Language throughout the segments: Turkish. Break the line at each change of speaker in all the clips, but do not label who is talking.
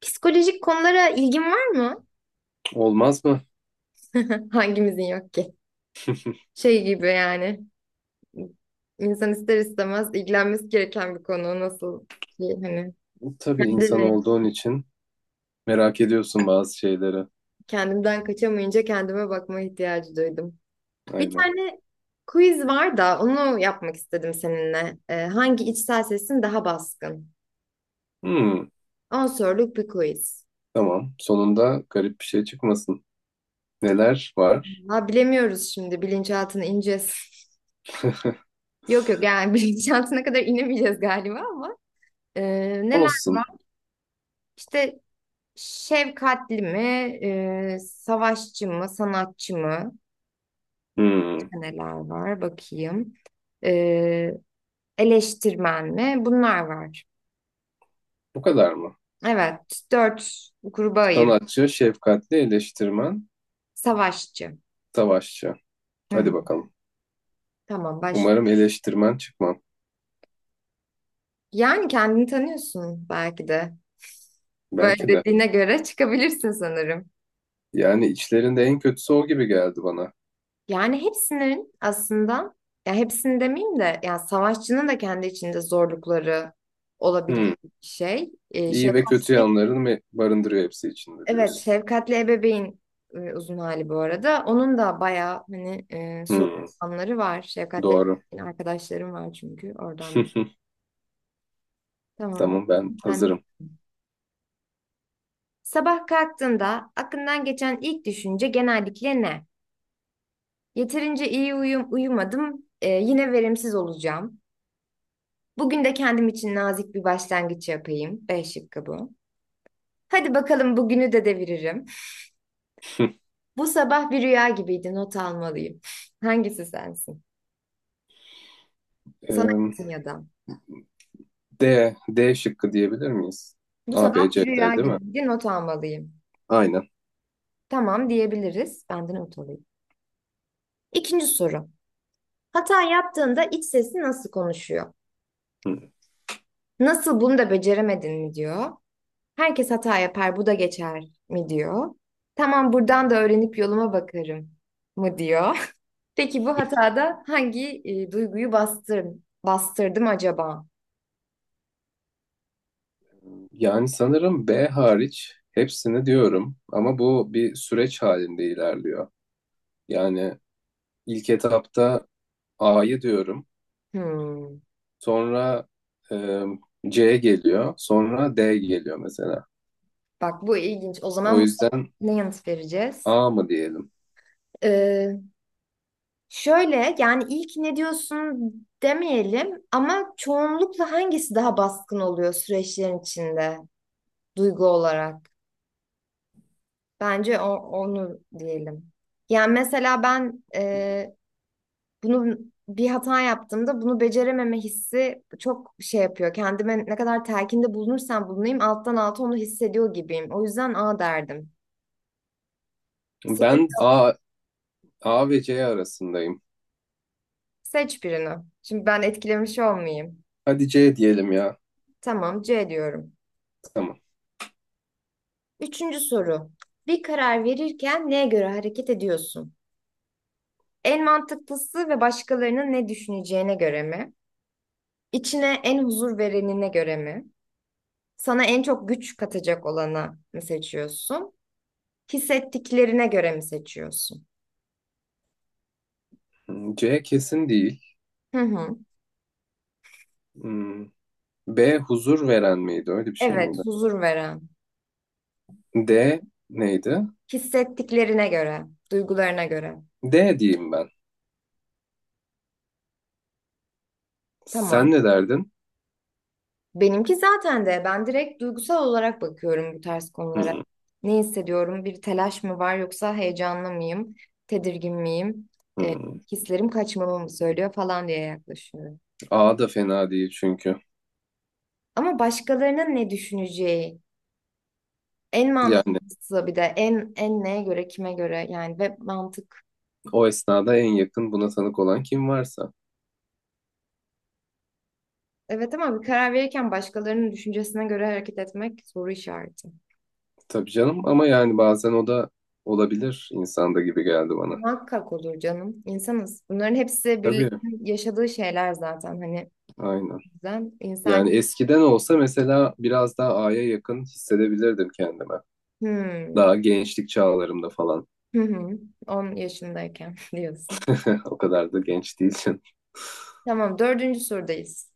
Psikolojik konulara ilgin var mı?
Olmaz mı?
Hangimizin yok ki? Şey gibi yani. İnsan ister istemez ilgilenmesi gereken bir konu. Nasıl ki hani
Tabii insan
kendine,
olduğun için merak ediyorsun bazı şeyleri.
kendimden kaçamayınca kendime bakma ihtiyacı duydum. Bir
Aynen.
tane quiz var da onu yapmak istedim seninle. Hangi içsel sesin daha baskın?
Hmm,
10 soruluk bir quiz.
tamam. Sonunda garip bir şey çıkmasın. Neler var?
Ha bilemiyoruz şimdi bilinçaltına ineceğiz. Yok yok yani bilinçaltına kadar inemeyeceğiz galiba ama. Neler var?
Olsun.
İşte şefkatli mi, savaşçı mı, sanatçı mı?
Hmm,
İşte neler var bakayım. E, Eleştirmen mi? Bunlar var.
bu kadar mı?
Evet, dört gruba ayırın.
Sanatçı, şefkatli, eleştirmen,
Savaşçı.
savaşçı.
Hı,
Hadi bakalım.
tamam başla.
Umarım eleştirmen çıkmam.
Yani kendini tanıyorsun belki de. Böyle
Belki de.
dediğine göre çıkabilirsin sanırım.
Yani içlerinde en kötüsü o gibi geldi bana.
Yani hepsinin aslında, ya hepsini demeyeyim de, ya savaşçının da kendi içinde zorlukları
Hmm,
olabilecek bir şey. E,
iyi ve kötü
şefkatli
yanlarını mı barındırıyor hepsi içinde
Evet,
diyorsun.
şefkatli ebeveyn, uzun hali bu arada. Onun da bayağı hani,
Hmm,
sorunları var. Şefkatli
doğru.
ebeveyn arkadaşlarım var çünkü oradan. Tamam.
Tamam, ben
Ben de.
hazırım.
Sabah kalktığında aklından geçen ilk düşünce genellikle ne? Yeterince iyi uyumadım. Yine verimsiz olacağım. Bugün de kendim için nazik bir başlangıç yapayım. B şıkkı bu. Hadi bakalım bugünü de deviririm. Bu sabah bir rüya gibiydi. Not almalıyım. Hangisi sensin? Sana
Ee,
yakın ya da.
D, D şıkkı diyebilir miyiz?
Bu
A, B,
sabah bir
C,
rüya
D değil mi?
gibiydi, not almalıyım.
Aynen.
Tamam diyebiliriz. Ben de not alayım. İkinci soru. Hata yaptığında iç sesi nasıl konuşuyor?
Hı.
Nasıl bunu da beceremedin mi diyor. Herkes hata yapar, bu da geçer mi diyor. Tamam buradan da öğrenip yoluma bakarım mı diyor. Peki bu hatada hangi duyguyu bastırdım acaba?
Yani sanırım B hariç hepsini diyorum ama bu bir süreç halinde ilerliyor. Yani ilk etapta A'yı diyorum,
Hmm.
sonra e, C geliyor, sonra D geliyor mesela.
Bak bu ilginç. O
O
zaman bu
yüzden
ne yanıt vereceğiz?
A mı diyelim?
Ee, Şöyle yani ilk ne diyorsun demeyelim ama çoğunlukla hangisi daha baskın oluyor süreçlerin içinde duygu olarak? Bence onu diyelim. Yani mesela ben bunu bir hata yaptığımda bunu becerememe hissi çok şey yapıyor. Kendime ne kadar telkinde bulunursam bulunayım alttan alta onu hissediyor gibiyim. O yüzden A derdim. Seç,
Ben A, A ve C arasındayım.
Seç birini. Şimdi ben etkilemiş olmayayım.
Hadi C diyelim ya.
Tamam C diyorum.
Tamam.
Üçüncü soru. Bir karar verirken neye göre hareket ediyorsun? En mantıklısı ve başkalarının ne düşüneceğine göre mi? İçine en huzur verenine göre mi? Sana en çok güç katacak olana mı seçiyorsun? Hissettiklerine göre mi seçiyorsun?
Hı, C kesin değil.
Hı hı.
Hmm, B huzur veren miydi? Öyle bir şey
Evet,
miydi?
huzur veren.
D neydi?
Hissettiklerine göre, duygularına göre.
D diyeyim ben.
Tamam.
Sen ne derdin?
Benimki zaten de ben direkt duygusal olarak bakıyorum bu tarz konulara.
Hmm,
Ne hissediyorum? Bir telaş mı var yoksa heyecanlı mıyım? Tedirgin miyim? E,
hmm.
Hislerim kaçmamı mı söylüyor falan diye yaklaşıyorum.
A da fena değil çünkü.
Ama başkalarının ne düşüneceği en
Yani
mantıklısı bir de en neye göre kime göre yani ve mantık.
o esnada en yakın buna tanık olan kim varsa.
Evet ama bir karar verirken başkalarının düşüncesine göre hareket etmek soru işareti.
Tabii canım ama yani bazen o da olabilir insanda gibi geldi bana.
Muhakkak olur canım. İnsanız. Bunların hepsi
Tabii,
birlikte yaşadığı şeyler zaten. Hani
aynen.
bizden
Yani
insan.
eskiden olsa mesela biraz daha A'ya yakın hissedebilirdim kendime.
Hmm.
Daha gençlik çağlarımda falan.
Hı hı. 10 yaşındayken diyorsun.
O kadar da genç değilsin.
Tamam, dördüncü sorudayız.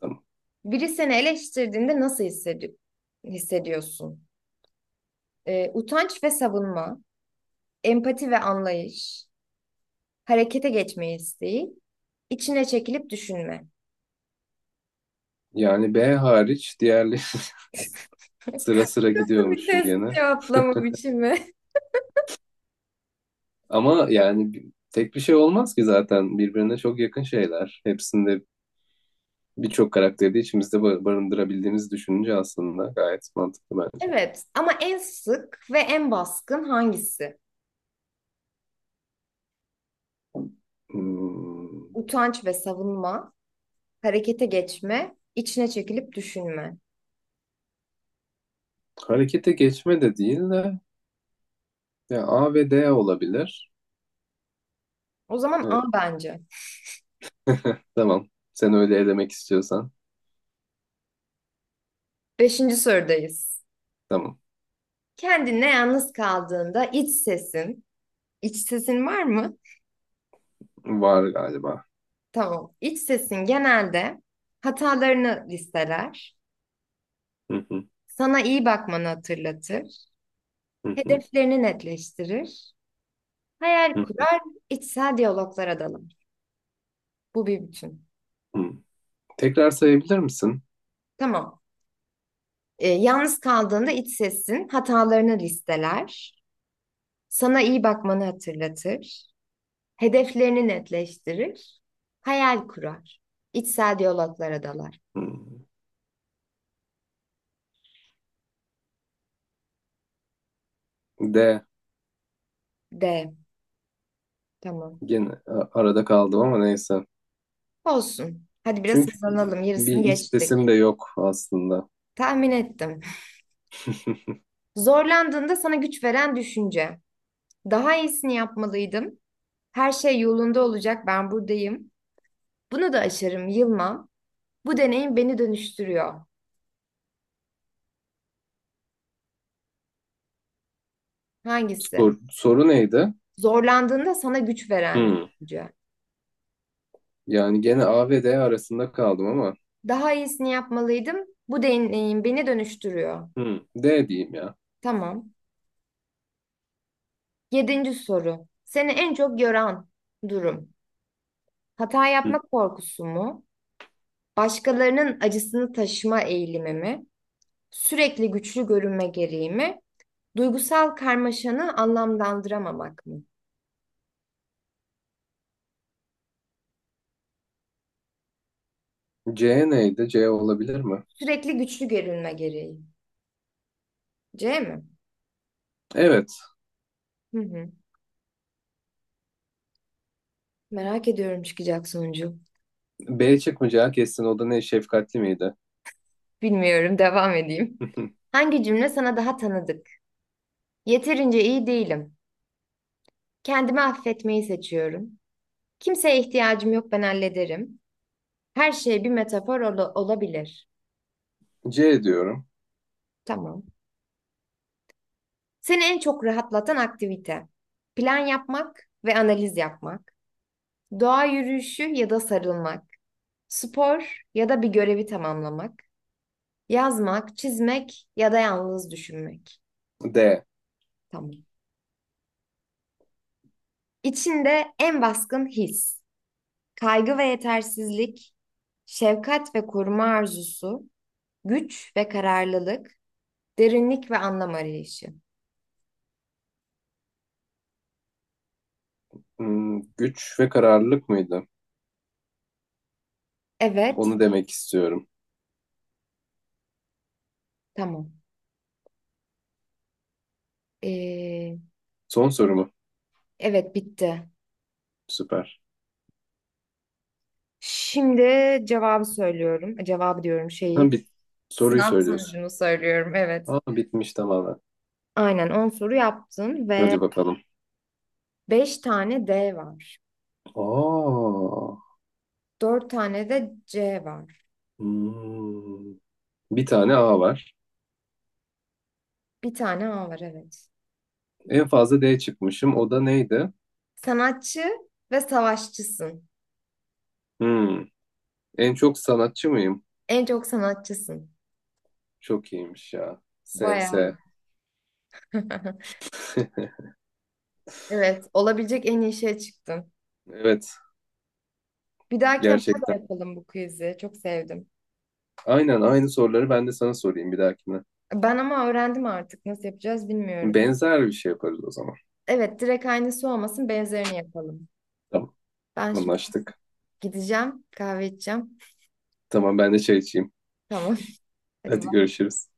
Tamam.
Biri seni eleştirdiğinde nasıl hissediyorsun? Utanç ve savunma, empati ve anlayış, harekete geçme isteği, içine çekilip düşünme.
Yani B hariç diğerleri sıra sıra
Nasıl bir
gidiyormuşum
test
gene.
cevaplama biçimi?
Ama yani tek bir şey olmaz ki zaten birbirine çok yakın şeyler. Hepsinde birçok karakteri de içimizde barındırabildiğimizi düşününce aslında gayet mantıklı bence.
Evet, ama en sık ve en baskın hangisi?
Hmm,
Utanç ve savunma, harekete geçme, içine çekilip düşünme.
harekete geçme de değil de ya A ve D olabilir.
O zaman
Evet,
A bence.
tamam. Sen öyle elemek istiyorsan.
Beşinci sorudayız.
Tamam.
Kendinle yalnız kaldığında iç sesin var mı?
Var galiba.
Tamam. İç sesin genelde hatalarını listeler,
Hı hı,
sana iyi bakmanı hatırlatır,
hı hı,
hedeflerini netleştirir, hayal
hı
kurar, içsel diyaloglara dalar. Bu bir bütün.
hı. Tekrar sayabilir misin?
Tamam. Yalnız kaldığında iç sesin hatalarını listeler, sana iyi bakmanı hatırlatır, hedeflerini netleştirir, hayal kurar, içsel diyaloglara dalar.
Hmm. D.
D. Tamam.
Gene arada kaldım ama neyse.
Olsun. Hadi biraz
Çünkü
hızlanalım.
bir
Yarısını
iç sesim
geçtik.
de yok aslında.
Tahmin ettim. Zorlandığında sana güç veren düşünce. Daha iyisini yapmalıydım. Her şey yolunda olacak. Ben buradayım. Bunu da aşarım, yılmam. Bu deneyim beni dönüştürüyor. Hangisi?
Soru neydi?
Zorlandığında sana güç veren
Hmm.
düşünce.
Yani gene A ve D arasında kaldım ama
Daha iyisini yapmalıydım. Bu deneyim beni dönüştürüyor.
hmm, D diyeyim ya.
Tamam. Yedinci soru. Seni en çok yoran durum. Hata
Hmm.
yapmak korkusu mu? Başkalarının acısını taşıma eğilimi mi, sürekli güçlü görünme gereği mi, duygusal karmaşanı anlamlandıramamak mı?
C neydi? C olabilir mi?
Sürekli güçlü görünme gereği. C mi?
Evet.
Hı hı. Merak ediyorum çıkacak sonucu.
B çıkmayacağı kesin. O da ne? Şefkatli miydi?
Bilmiyorum, devam edeyim. Hangi cümle sana daha tanıdık? Yeterince iyi değilim. Kendimi affetmeyi seçiyorum. Kimseye ihtiyacım yok, ben hallederim. Her şey bir metafor olabilir.
C diyorum.
Tamam. Seni en çok rahatlatan aktivite. Plan yapmak ve analiz yapmak. Doğa yürüyüşü ya da sarılmak. Spor ya da bir görevi tamamlamak. Yazmak, çizmek ya da yalnız düşünmek.
D.
Tamam. İçinde en baskın his. Kaygı ve yetersizlik. Şefkat ve koruma arzusu. Güç ve kararlılık. Derinlik ve anlam arayışı.
Hmm, güç ve kararlılık mıydı?
Evet,
Onu demek istiyorum.
tamam. Ee,
Son soru mu?
evet, bitti.
Süper.
Şimdi cevabı söylüyorum. Cevabı diyorum
Ha,
şeyi.
soruyu
Sınav
söylüyorsun.
sonucunu söylüyorum. Evet.
Aa, bitmiş tamamen.
Aynen 10 soru yaptın ve
Hadi bakalım.
5 tane D var.
Aa,
Dört tane de C var.
hmm. Bir tane A var.
Bir tane A var, evet.
En fazla D çıkmışım. O da neydi?
Sanatçı ve savaşçısın.
Hmm. En çok sanatçı mıyım?
En çok sanatçısın.
Çok iyiymiş ya. S,
Bayağı iyi.
S.
Evet, olabilecek en iyi şeye çıktın.
Evet,
Bir dahakine bana da
gerçekten.
yapalım bu quiz'i. Çok sevdim.
Aynen, aynı soruları ben de sana sorayım bir dahakine.
Ben ama öğrendim artık. Nasıl yapacağız bilmiyorum.
Benzer bir şey yaparız o zaman.
Evet, direkt aynısı olmasın, benzerini yapalım.
Tamam,
Ben şimdi
anlaştık.
gideceğim, kahve içeceğim.
Tamam ben de çay içeyim.
Tamam. Hadi
Hadi
bak.
görüşürüz.